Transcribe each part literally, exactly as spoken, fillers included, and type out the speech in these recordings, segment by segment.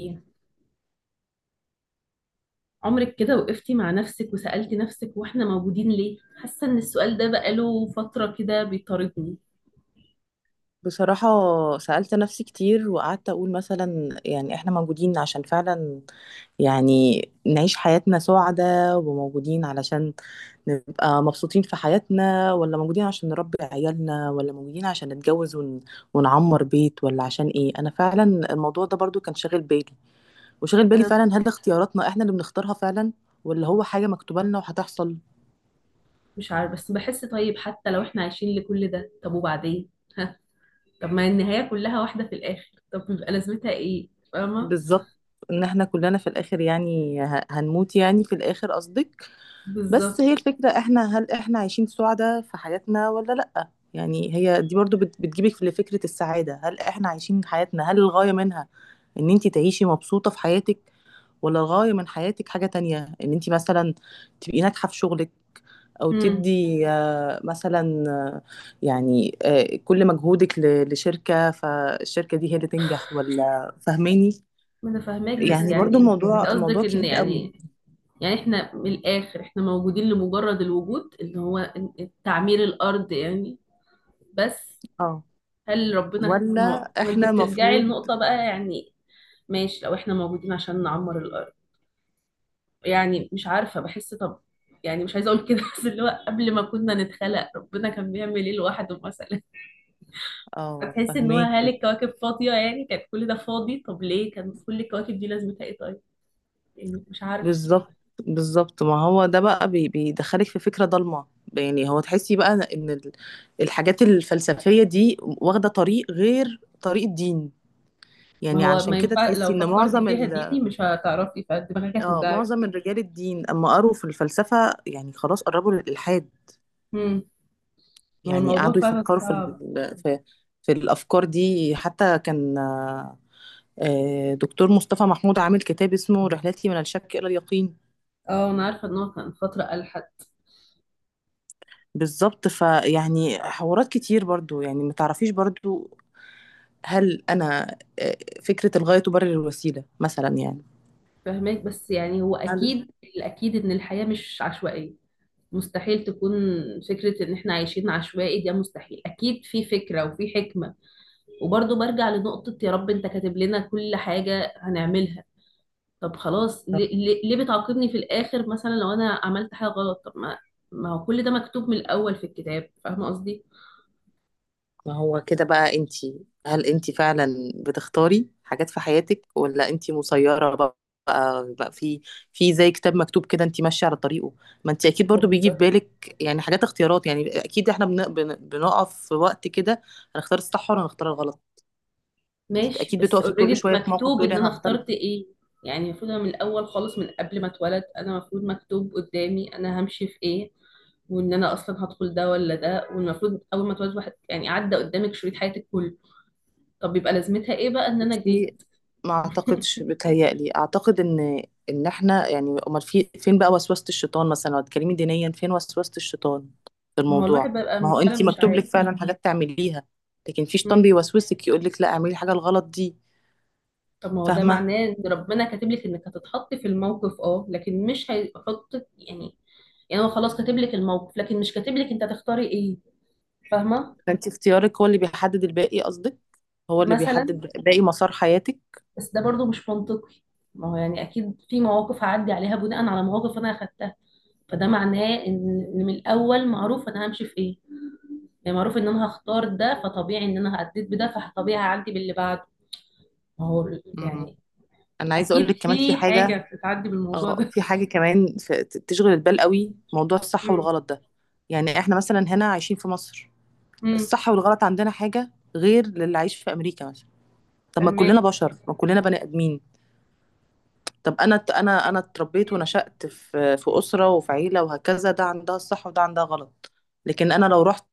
ايه، عمرك كده وقفتي مع نفسك وسألتي نفسك واحنا موجودين ليه؟ حاسه ان السؤال ده بقاله فتره كده بيطاردني. بصراحة سألت نفسي كتير وقعدت أقول مثلا يعني إحنا موجودين عشان فعلا يعني نعيش حياتنا سعدة، وموجودين علشان نبقى مبسوطين في حياتنا، ولا موجودين عشان نربي عيالنا، ولا موجودين عشان نتجوز ون... ونعمر بيت، ولا عشان إيه؟ أنا فعلا الموضوع ده برضو كان شاغل بالي، وشاغل بالي انا فعلا، هل اختياراتنا إحنا اللي بنختارها فعلا ولا هو حاجة مكتوبة لنا وهتحصل؟ مش عارفه، بس بحس. طيب حتى لو احنا عايشين لكل ده، طب وبعدين؟ ها؟ طب ما النهايه كلها واحده في الاخر، طب بيبقى لازمتها ايه؟ فاهمه؟ بالظبط، ان احنا كلنا في الاخر يعني ه- هنموت، يعني في الاخر قصدك. بس بالظبط. هي الفكرة، احنا هل احنا عايشين سعداء في حياتنا ولا لأ؟ يعني هي دي برضو بت- بتجيبك لفكرة السعادة. هل احنا عايشين حياتنا، هل الغاية منها ان انت تعيشي مبسوطة في حياتك، ولا الغاية من حياتك حاجة تانية، ان انت مثلا تبقي ناجحة في شغلك، او امم. تدي آه، مثلا آه، يعني آه، كل مجهودك ل- لشركة، فالشركة دي هي اللي تنجح، ولا فاهماني؟ ما انا فاهماكي، بس يعني برضو يعني انت الموضوع موضوع قصدك ان كبير قوي. يعني يعني احنا من الاخر، احنا موجودين لمجرد الوجود اللي هو تعمير الارض يعني. بس. اه، هل ربنا، ما هو ولا ما انت احنا بترجعي مفروض. لنقطة بقى يعني. ماشي، لو احنا موجودين عشان نعمر الأرض، يعني مش عارفة. بحس طب، يعني مش عايزة اقول كده بس اللي هو قبل ما كنا نتخلق ربنا كان بيعمل ايه لوحده مثلا؟ اه، هتحس ان هو، هل فهميكي. الكواكب فاضية؟ يعني كانت كل ده فاضي، طب ليه كان كل الكواكب دي لازمتها ايه؟ طيب يعني مش عارف. بالظبط، بالظبط، ما هو ده بقى بي- بيدخلك في فكرة ضلمة. يعني هو تحسي بقى ان ال- الحاجات الفلسفية دي واخدة طريق غير طريق الدين. ما يعني هو علشان ما كده ينفع، لو تحسي ان فكرتي معظم فيها ال، ديني مش هتعرفي، فدماغك اه، هتوجعك. معظم الرجال الدين اما قروا في الفلسفة يعني خلاص قربوا للإلحاد. امم. ما هو يعني الموضوع قعدوا فعلا يفكروا في صعب. ال- في في الأفكار دي. حتى كان آه، دكتور مصطفى محمود عامل كتاب اسمه رحلتي من الشك إلى اليقين. اه، انا عارفة ان هو كان فترة ألحد. بالظبط، فيعني حوارات كتير برضو، يعني ما تعرفيش برضو هل أنا آه، فكرة الغاية تبرر الوسيلة مثلا يعني. فهماك، بس يعني هو هل، اكيد. الاكيد ان الحياة مش عشوائية، مستحيل تكون. فكرة ان احنا عايشين عشوائي ده مستحيل، اكيد في فكرة وفي حكمة. وبرضه برجع لنقطة، يا رب انت كاتب لنا كل حاجة هنعملها، طب خلاص ليه, ليه ليه بتعاقبني في الاخر؟ مثلا لو انا عملت حاجة غلط، طب ما ما هو كل ده مكتوب من الاول في الكتاب، فاهمة قصدي؟ ما هو كده بقى، انتي هل انتي فعلا بتختاري حاجات في حياتك، ولا انتي مسيرة بقى، بقى في في زي كتاب مكتوب كده انتي ماشية على طريقه؟ ما انتي اكيد هو برضو بيجي في بالظبط. بالك يعني حاجات اختيارات، يعني اكيد احنا بن- بن- بنقف في وقت كده هنختار الصح ولا هنختار الغلط. ماشي، اكيد بس بتقفي كل اوريدي شويه في موقف مكتوب تقولي ان انا انا هختار. اخترت ايه. يعني المفروض انا من الاول خالص، من قبل ما اتولد، انا المفروض مكتوب قدامي انا همشي في ايه، وان انا اصلا هدخل ده ولا ده. والمفروض اول ما اتولد واحد يعني عدى قدامك شريط حياتك كله. طب يبقى لازمتها ايه بقى ان انا جه؟ بصي، ما اعتقدش، بتهيألي اعتقد ان ان احنا يعني امال في فين بقى وسوسه الشيطان؟ مثلا لو هتكلمي دينيا، فين وسوسه الشيطان في ما هو الواحد الموضوع؟ ما بقى هو فعلا انت مش مكتوب عارف. لك فعلا حاجات تعمليها، لكن في شيطان مم. بيوسوسك يقول لك لا اعملي الحاجه الغلط دي. طب ما هو ده فاهمه. معناه ان ربنا كاتب لك انك هتتحطي في الموقف، اه لكن مش هيحطك يعني. يعني هو خلاص كاتب لك الموقف، لكن مش كاتب لك انت هتختاري ايه. فاهمه؟ فانت اختيارك هو اللي بيحدد الباقي قصدك، هو اللي مثلا. بيحدد باقي مسار حياتك. بس ده برضو مش منطقي. ما هو يعني اكيد في مواقف هعدي عليها بناء على مواقف انا اخدتها، فده معناه ان إن من الاول معروف انا همشي في ايه. يعني معروف ان انا هختار ده، فطبيعي ان انا هعديت بده، فطبيعي هعدي باللي بعده. ما هو ال- مم. يعني. انا عايزه اقول اكيد لك كمان في في حاجه حاجه. بتتعدي بالموضوع اه، ده في حاجة كمان في- ت- تشغل البال قوي، موضوع الصح امم. والغلط ده. يعني احنا مثلا هنا عايشين في مصر، امم. الصح والغلط عندنا حاجة غير للي عايش في امريكا مثلا. طب ما كلنا فهماك. بشر، ما كلنا بني ادمين. طب انا ت- انا انا اتربيت أمم. ونشأت في في اسرة وفي عيلة وهكذا، ده عندها الصح وده عندها غلط. لكن انا لو رحت،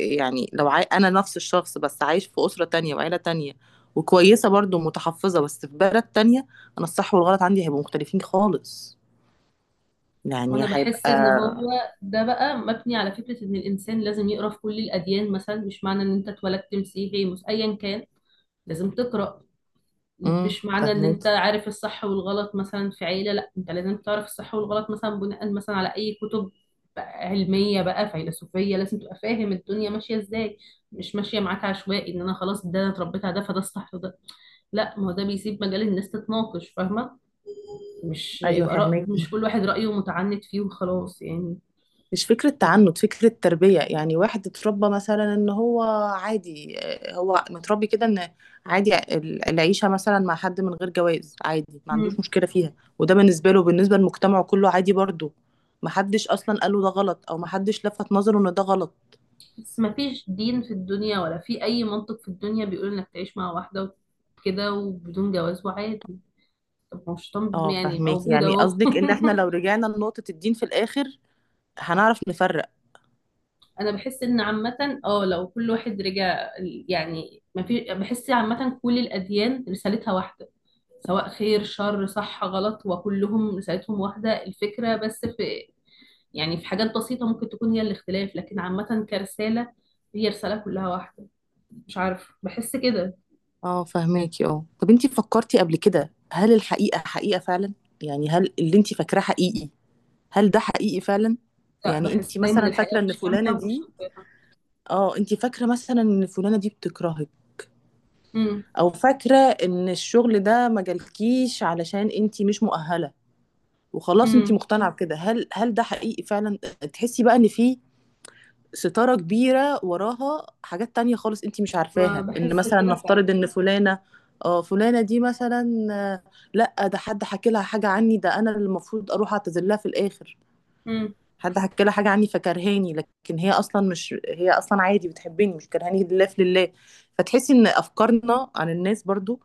يعني لو عاي... انا نفس الشخص بس عايش في اسرة تانية وعيلة تانية، وكويسة برضو متحفظة، بس في بلد تانية، انا الصح والغلط عندي هيبقوا مختلفين خالص. يعني وانا بحس هيبقى، ان هو ده بقى مبني على فكره ان الانسان لازم يقرا في كل الاديان. مثلا مش معنى ان انت اتولدت مسيحي، مس ايا كان لازم تقرا. امم مش معنى ان فهمك. انت عارف الصح والغلط مثلا في عيلة، لا انت لازم تعرف الصح والغلط مثلا بناء مثلا على اي كتب، بقى علمية بقى فيلسوفية. لازم تبقى فاهم الدنيا ماشية ازاي، مش ماشية معاك عشوائي ان انا خلاص ده انا اتربيت على ده فده الصح وده. لا، ما هو ده بيسيب مجال الناس تتناقش، فاهمة؟ مش ايوه يبقى رأي، فهمك. مش كل واحد رأيه متعنت فيه وخلاص يعني. مش فكره تعنت، فكره تربيه. يعني واحد اتربى مثلا ان هو عادي، آه، هو متربي كده ان عادي ال- العيشه مثلا مع حد من غير جواز عادي، ما عندوش مم. مشكله فيها. وده بالنسبه له، بالنسبه لمجتمعه كله عادي برضه، ما حدش اصلا قال له ده غلط، او ما حدش لفت نظره ان ده غلط. بس ما فيش دين في الدنيا ولا في اي منطق في الدنيا بيقول انك تعيش مع واحدة كده وبدون جواز وعادي. طب ما مش طنب اه، يعني، فهمك، موجودة يعني اهو قصدك ان احنا لو رجعنا لنقطه الدين في الاخر هنعرف نفرق. انا بحس ان عامة، اه لو كل واحد رجع، يعني ما في. بحس عامة كل الاديان رسالتها واحدة، سواء خير شر صح غلط، وكلهم رسالتهم واحدة. الفكرة بس في، يعني في حاجات بسيطة ممكن تكون هي الاختلاف، لكن عامة كرسالة هي رسالة كلها واحدة. مش عارف، بحس كده. اه فهماكي. اه، طب انتي فكرتي قبل كده هل الحقيقة حقيقة فعلا؟ يعني هل اللي انتي فاكراه حقيقي؟ هل ده حقيقي فعلا؟ لا، يعني بحس انتي دايما مثلا الحياة فاكرة ان مش فلانة كاملة ومش دي، شفافة. اه انتي فاكرة مثلا ان فلانة دي بتكرهك، امم. او فاكرة ان الشغل ده ما جالكيش علشان انتي مش مؤهلة، وخلاص انتي امم. مقتنعة بكده، هل هل ده حقيقي فعلا؟ تحسي بقى ان في ستارة كبيرة وراها حاجات تانية خالص انتي مش ما عارفاها، ان بحس مثلا كده فعلا. نفترض ان فلانة، اه فلانة دي مثلا آه، لا ده حد حكى لها حاجة عني، ده انا اللي المفروض اروح اعتذر لها في الاخر. حد حكى لها حاجة عني فكرهاني، لكن هي اصلا مش، هي اصلا عادي بتحبني، مش كرهاني لله في لله. فتحسي ان افكارنا عن الناس برضو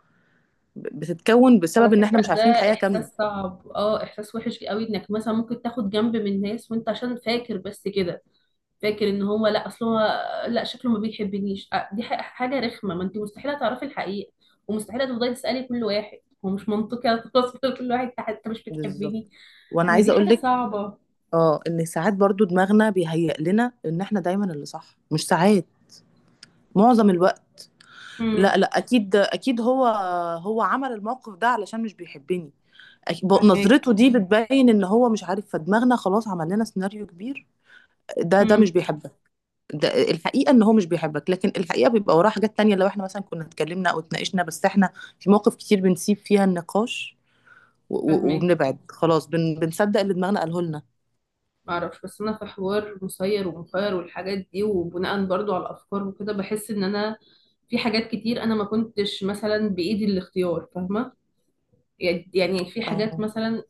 بتتكون على بسبب ان احنا فكرة مش ده عارفين الحقيقة كاملة. إحساس صعب، اه إحساس وحش قوي. إنك مثلا ممكن تاخد جنب من ناس وأنت عشان فاكر بس كده، فاكر إن هو لأ، أصل هو لأ شكله ما بيحبنيش، آه، دي ح- حاجة رخمة. ما أنت مستحيل تعرفي الحقيقة، ومستحيل تفضلي تسألي كل واحد. هو مش منطقي أتقص كل واحد حتى مش بتحبني. بالظبط، وانا ما هي دي عايزة اقول حاجة لك، صعبة. اه، ان ساعات برضو دماغنا بيهيئ لنا ان احنا دايما اللي صح. مش ساعات، معظم الوقت. امم. لا لا، اكيد اكيد هو هو عمل الموقف ده علشان مش بيحبني. أك- ب- فاهماك. نظرته دي بتبين ان هو مش عارف، فدماغنا خلاص عمل لنا سيناريو كبير. ده ده مش امم. بيحبك، ده الحقيقة ان هو مش بيحبك. لكن الحقيقة بيبقى وراها حاجات تانية، لو احنا مثلا كنا اتكلمنا او اتناقشنا، بس احنا في مواقف كتير بنسيب فيها النقاش و- و- فاهماك. وبنبعد خلاص، بن بنصدق اللي دماغنا قاله لنا. معرفش، بس انا في حوار مسير ومخير والحاجات دي، وبناء برضو على الافكار وكده، بحس ان انا في حاجات كتير انا ما كنتش مثلا بايدي الاختيار، فاهمه؟ يعني يعني في حاجات اه مثلا،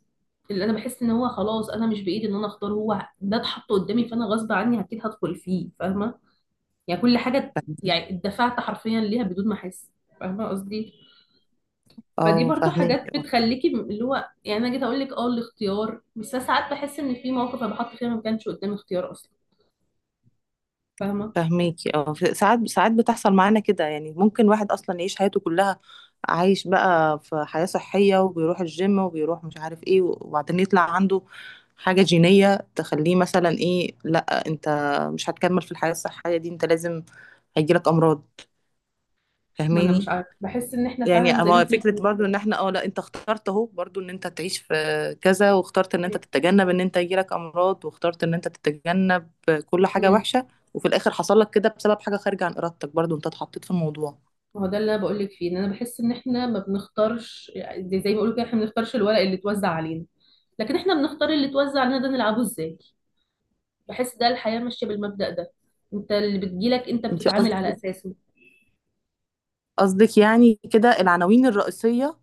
اللي انا بحس ان هو خلاص انا مش بايدي ان انا اختار، هو ده اتحط قدامي، فانا غصب عني اكيد هدخل فيه. فاهمه؟ يعني كل حاجه، فاهم- يعني اتدفعت حرفيا ليها بدون ما احس. فاهمه قصدي؟ فدي اه برضو حاجات فاهمك. بتخليكي م- اللي هو يعني انا جيت اقول لك اه الاختيار. بس أنا ساعات بحس ان في مواقف انا بحط فيها ما كانش قدامي اختيار اصلا، فاهمه؟ فهميكي اه، ف- ساعات ساعات بتحصل معانا كده، يعني ممكن واحد اصلا يعيش حياته كلها عايش بقى في حياة صحية، وبيروح الجيم وبيروح مش عارف ايه، وبعدين يطلع عنده حاجة جينية تخليه مثلا، ايه لا انت مش هتكمل في الحياة الصحية دي، انت لازم هيجيلك امراض. ما انا فاهماني؟ مش عارفه، بحس ان احنا يعني فعلا زي ما اما انت فكره بتقولي برضو ان كده. احنا، اه لا انت اخترت اهو برضو ان انت تعيش في كذا، واخترت ان انت تتجنب ان انت يجيلك امراض، واخترت ان انت تتجنب كل حاجه امم. وحشه، وفي الاخر حصل لك كده بسبب حاجه خارجه عن ارادتك، برضو انت اتحطيت في الموضوع. ما هو ده اللي انا بقول لك فيه، ان انا بحس ان احنا ما بنختارش. يعني زي ما بيقولوا كده، احنا ما بنختارش الورق اللي اتوزع علينا، لكن احنا بنختار اللي اتوزع علينا ده نلعبه ازاي. بحس ده الحياه ماشيه بالمبدأ ده، انت اللي بتجيلك انت انت بتتعامل على قصدك، اساسه. قصدك يعني كده العناوين الرئيسيه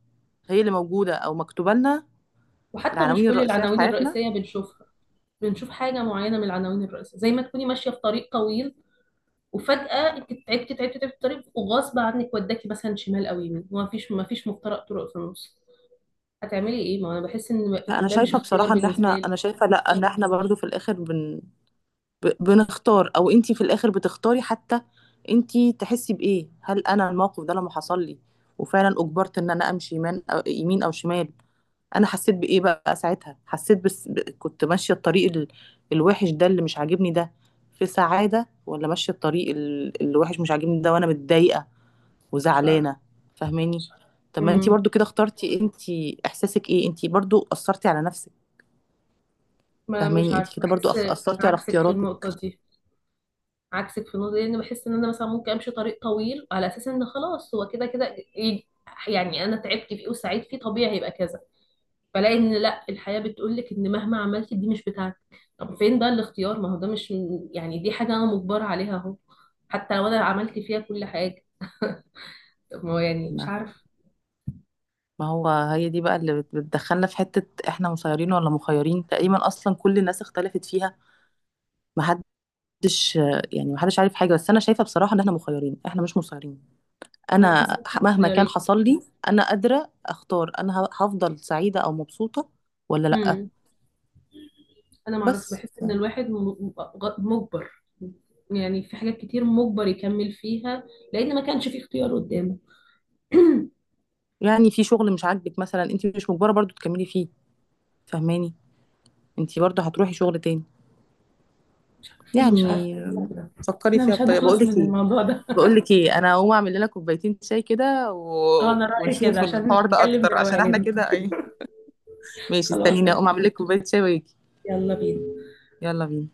هي اللي موجوده او مكتوبه لنا، وحتى مش العناوين كل الرئيسيه في العناوين حياتنا. الرئيسيه بنشوفها، بنشوف حاجه معينه من العناوين الرئيسيه. زي ما تكوني ماشيه في طريق طويل، وفجأة انت تعبتي تعبتي تعبتي في الطريق وغصب عنك وداكي مثلا شمال او يمين، وما فيش ما فيش مفترق طرق في النص، هتعملي ايه؟ ما انا بحس ان لا انا ده مش شايفه اختيار بصراحه ان بالنسبه احنا، انا لي. شايفه لا ان احنا برضو في الاخر بن ب- بنختار، او انتي في الاخر بتختاري. حتى انتي تحسي بايه، هل انا الموقف ده لما حصل لي وفعلا اجبرت ان انا امشي يمين او يمين او شمال، انا حسيت بايه بقى ساعتها؟ حسيت بس ب- كنت ماشيه الطريق ال- الوحش ده اللي مش عاجبني ده في سعاده، ولا ماشيه الطريق ال- الوحش مش عاجبني ده وانا متضايقه مش عارفه. وزعلانه؟ فاهماني؟ طب ما انتي امم. برضو كده اخترتي، انتي احساسك ايه؟ انتي برضو اثرتي على نفسك. ما مش فاهماني؟ عارفه، انتي كده برضو بحس. أخ- اثرتي على عكسك في اختياراتك. النقطه دي عكسك في النقطه دي لان بحس ان انا مثلا ممكن امشي طريق طويل على اساس ان خلاص هو كده كده، ي- يعني انا تعبت فيه وسعيت فيه، طبيعي هيبقى كذا. فلاقي ان لا، الحياه بتقول لك ان مهما عملتي دي مش بتاعتك. طب فين بقى الاختيار؟ ما هو ده مش يعني، دي حاجه انا مجبره عليها اهو، حتى لو انا عملت فيها كل حاجه. طب ما هو يعني مش نعم، عارفه. ما هو هي دي بقى اللي بت- بتدخلنا في حتة احنا مسيرين ولا مخيرين. تقريبا اصلا كل الناس اختلفت فيها، محدش، يعني محدش عارف حاجة. بس انا شايفة بصراحة ان احنا مخيرين، احنا مش مسيرين. انا بحس انا ان احنا ح- مهما كان مخيرين. حصل لي، انا قادرة اختار انا ه- هفضل سعيدة او مبسوطة ولا لأ. انا معرفش، بس بحس ف- ان الواحد م- م- غ- مجبر. يعني في حاجات كتير مجبر يكمل فيها، لان ما كانش في اختيار قدامه. يعني في شغل مش عاجبك مثلا، انت مش مجبرة برضو تكملي فيه. فهماني؟ انت برضو هتروحي شغل تاني انا مش عارفه يعني. أقول كده. فكري احنا فيها مش بطريقة. بقول هنخلص لك من ايه، الموضوع ده بقول لك ايه، انا هقوم اعمل لنا كوبايتين شاي كده انا و... رايي كده ونشوف عشان الحوار ده نتكلم اكتر، عشان احنا بروقان. كده ايه. ماشي، خلاص استنيني اقوم قشطة. اعمل لك كوبايه شاي واجي. يلا بينا. يلا بينا.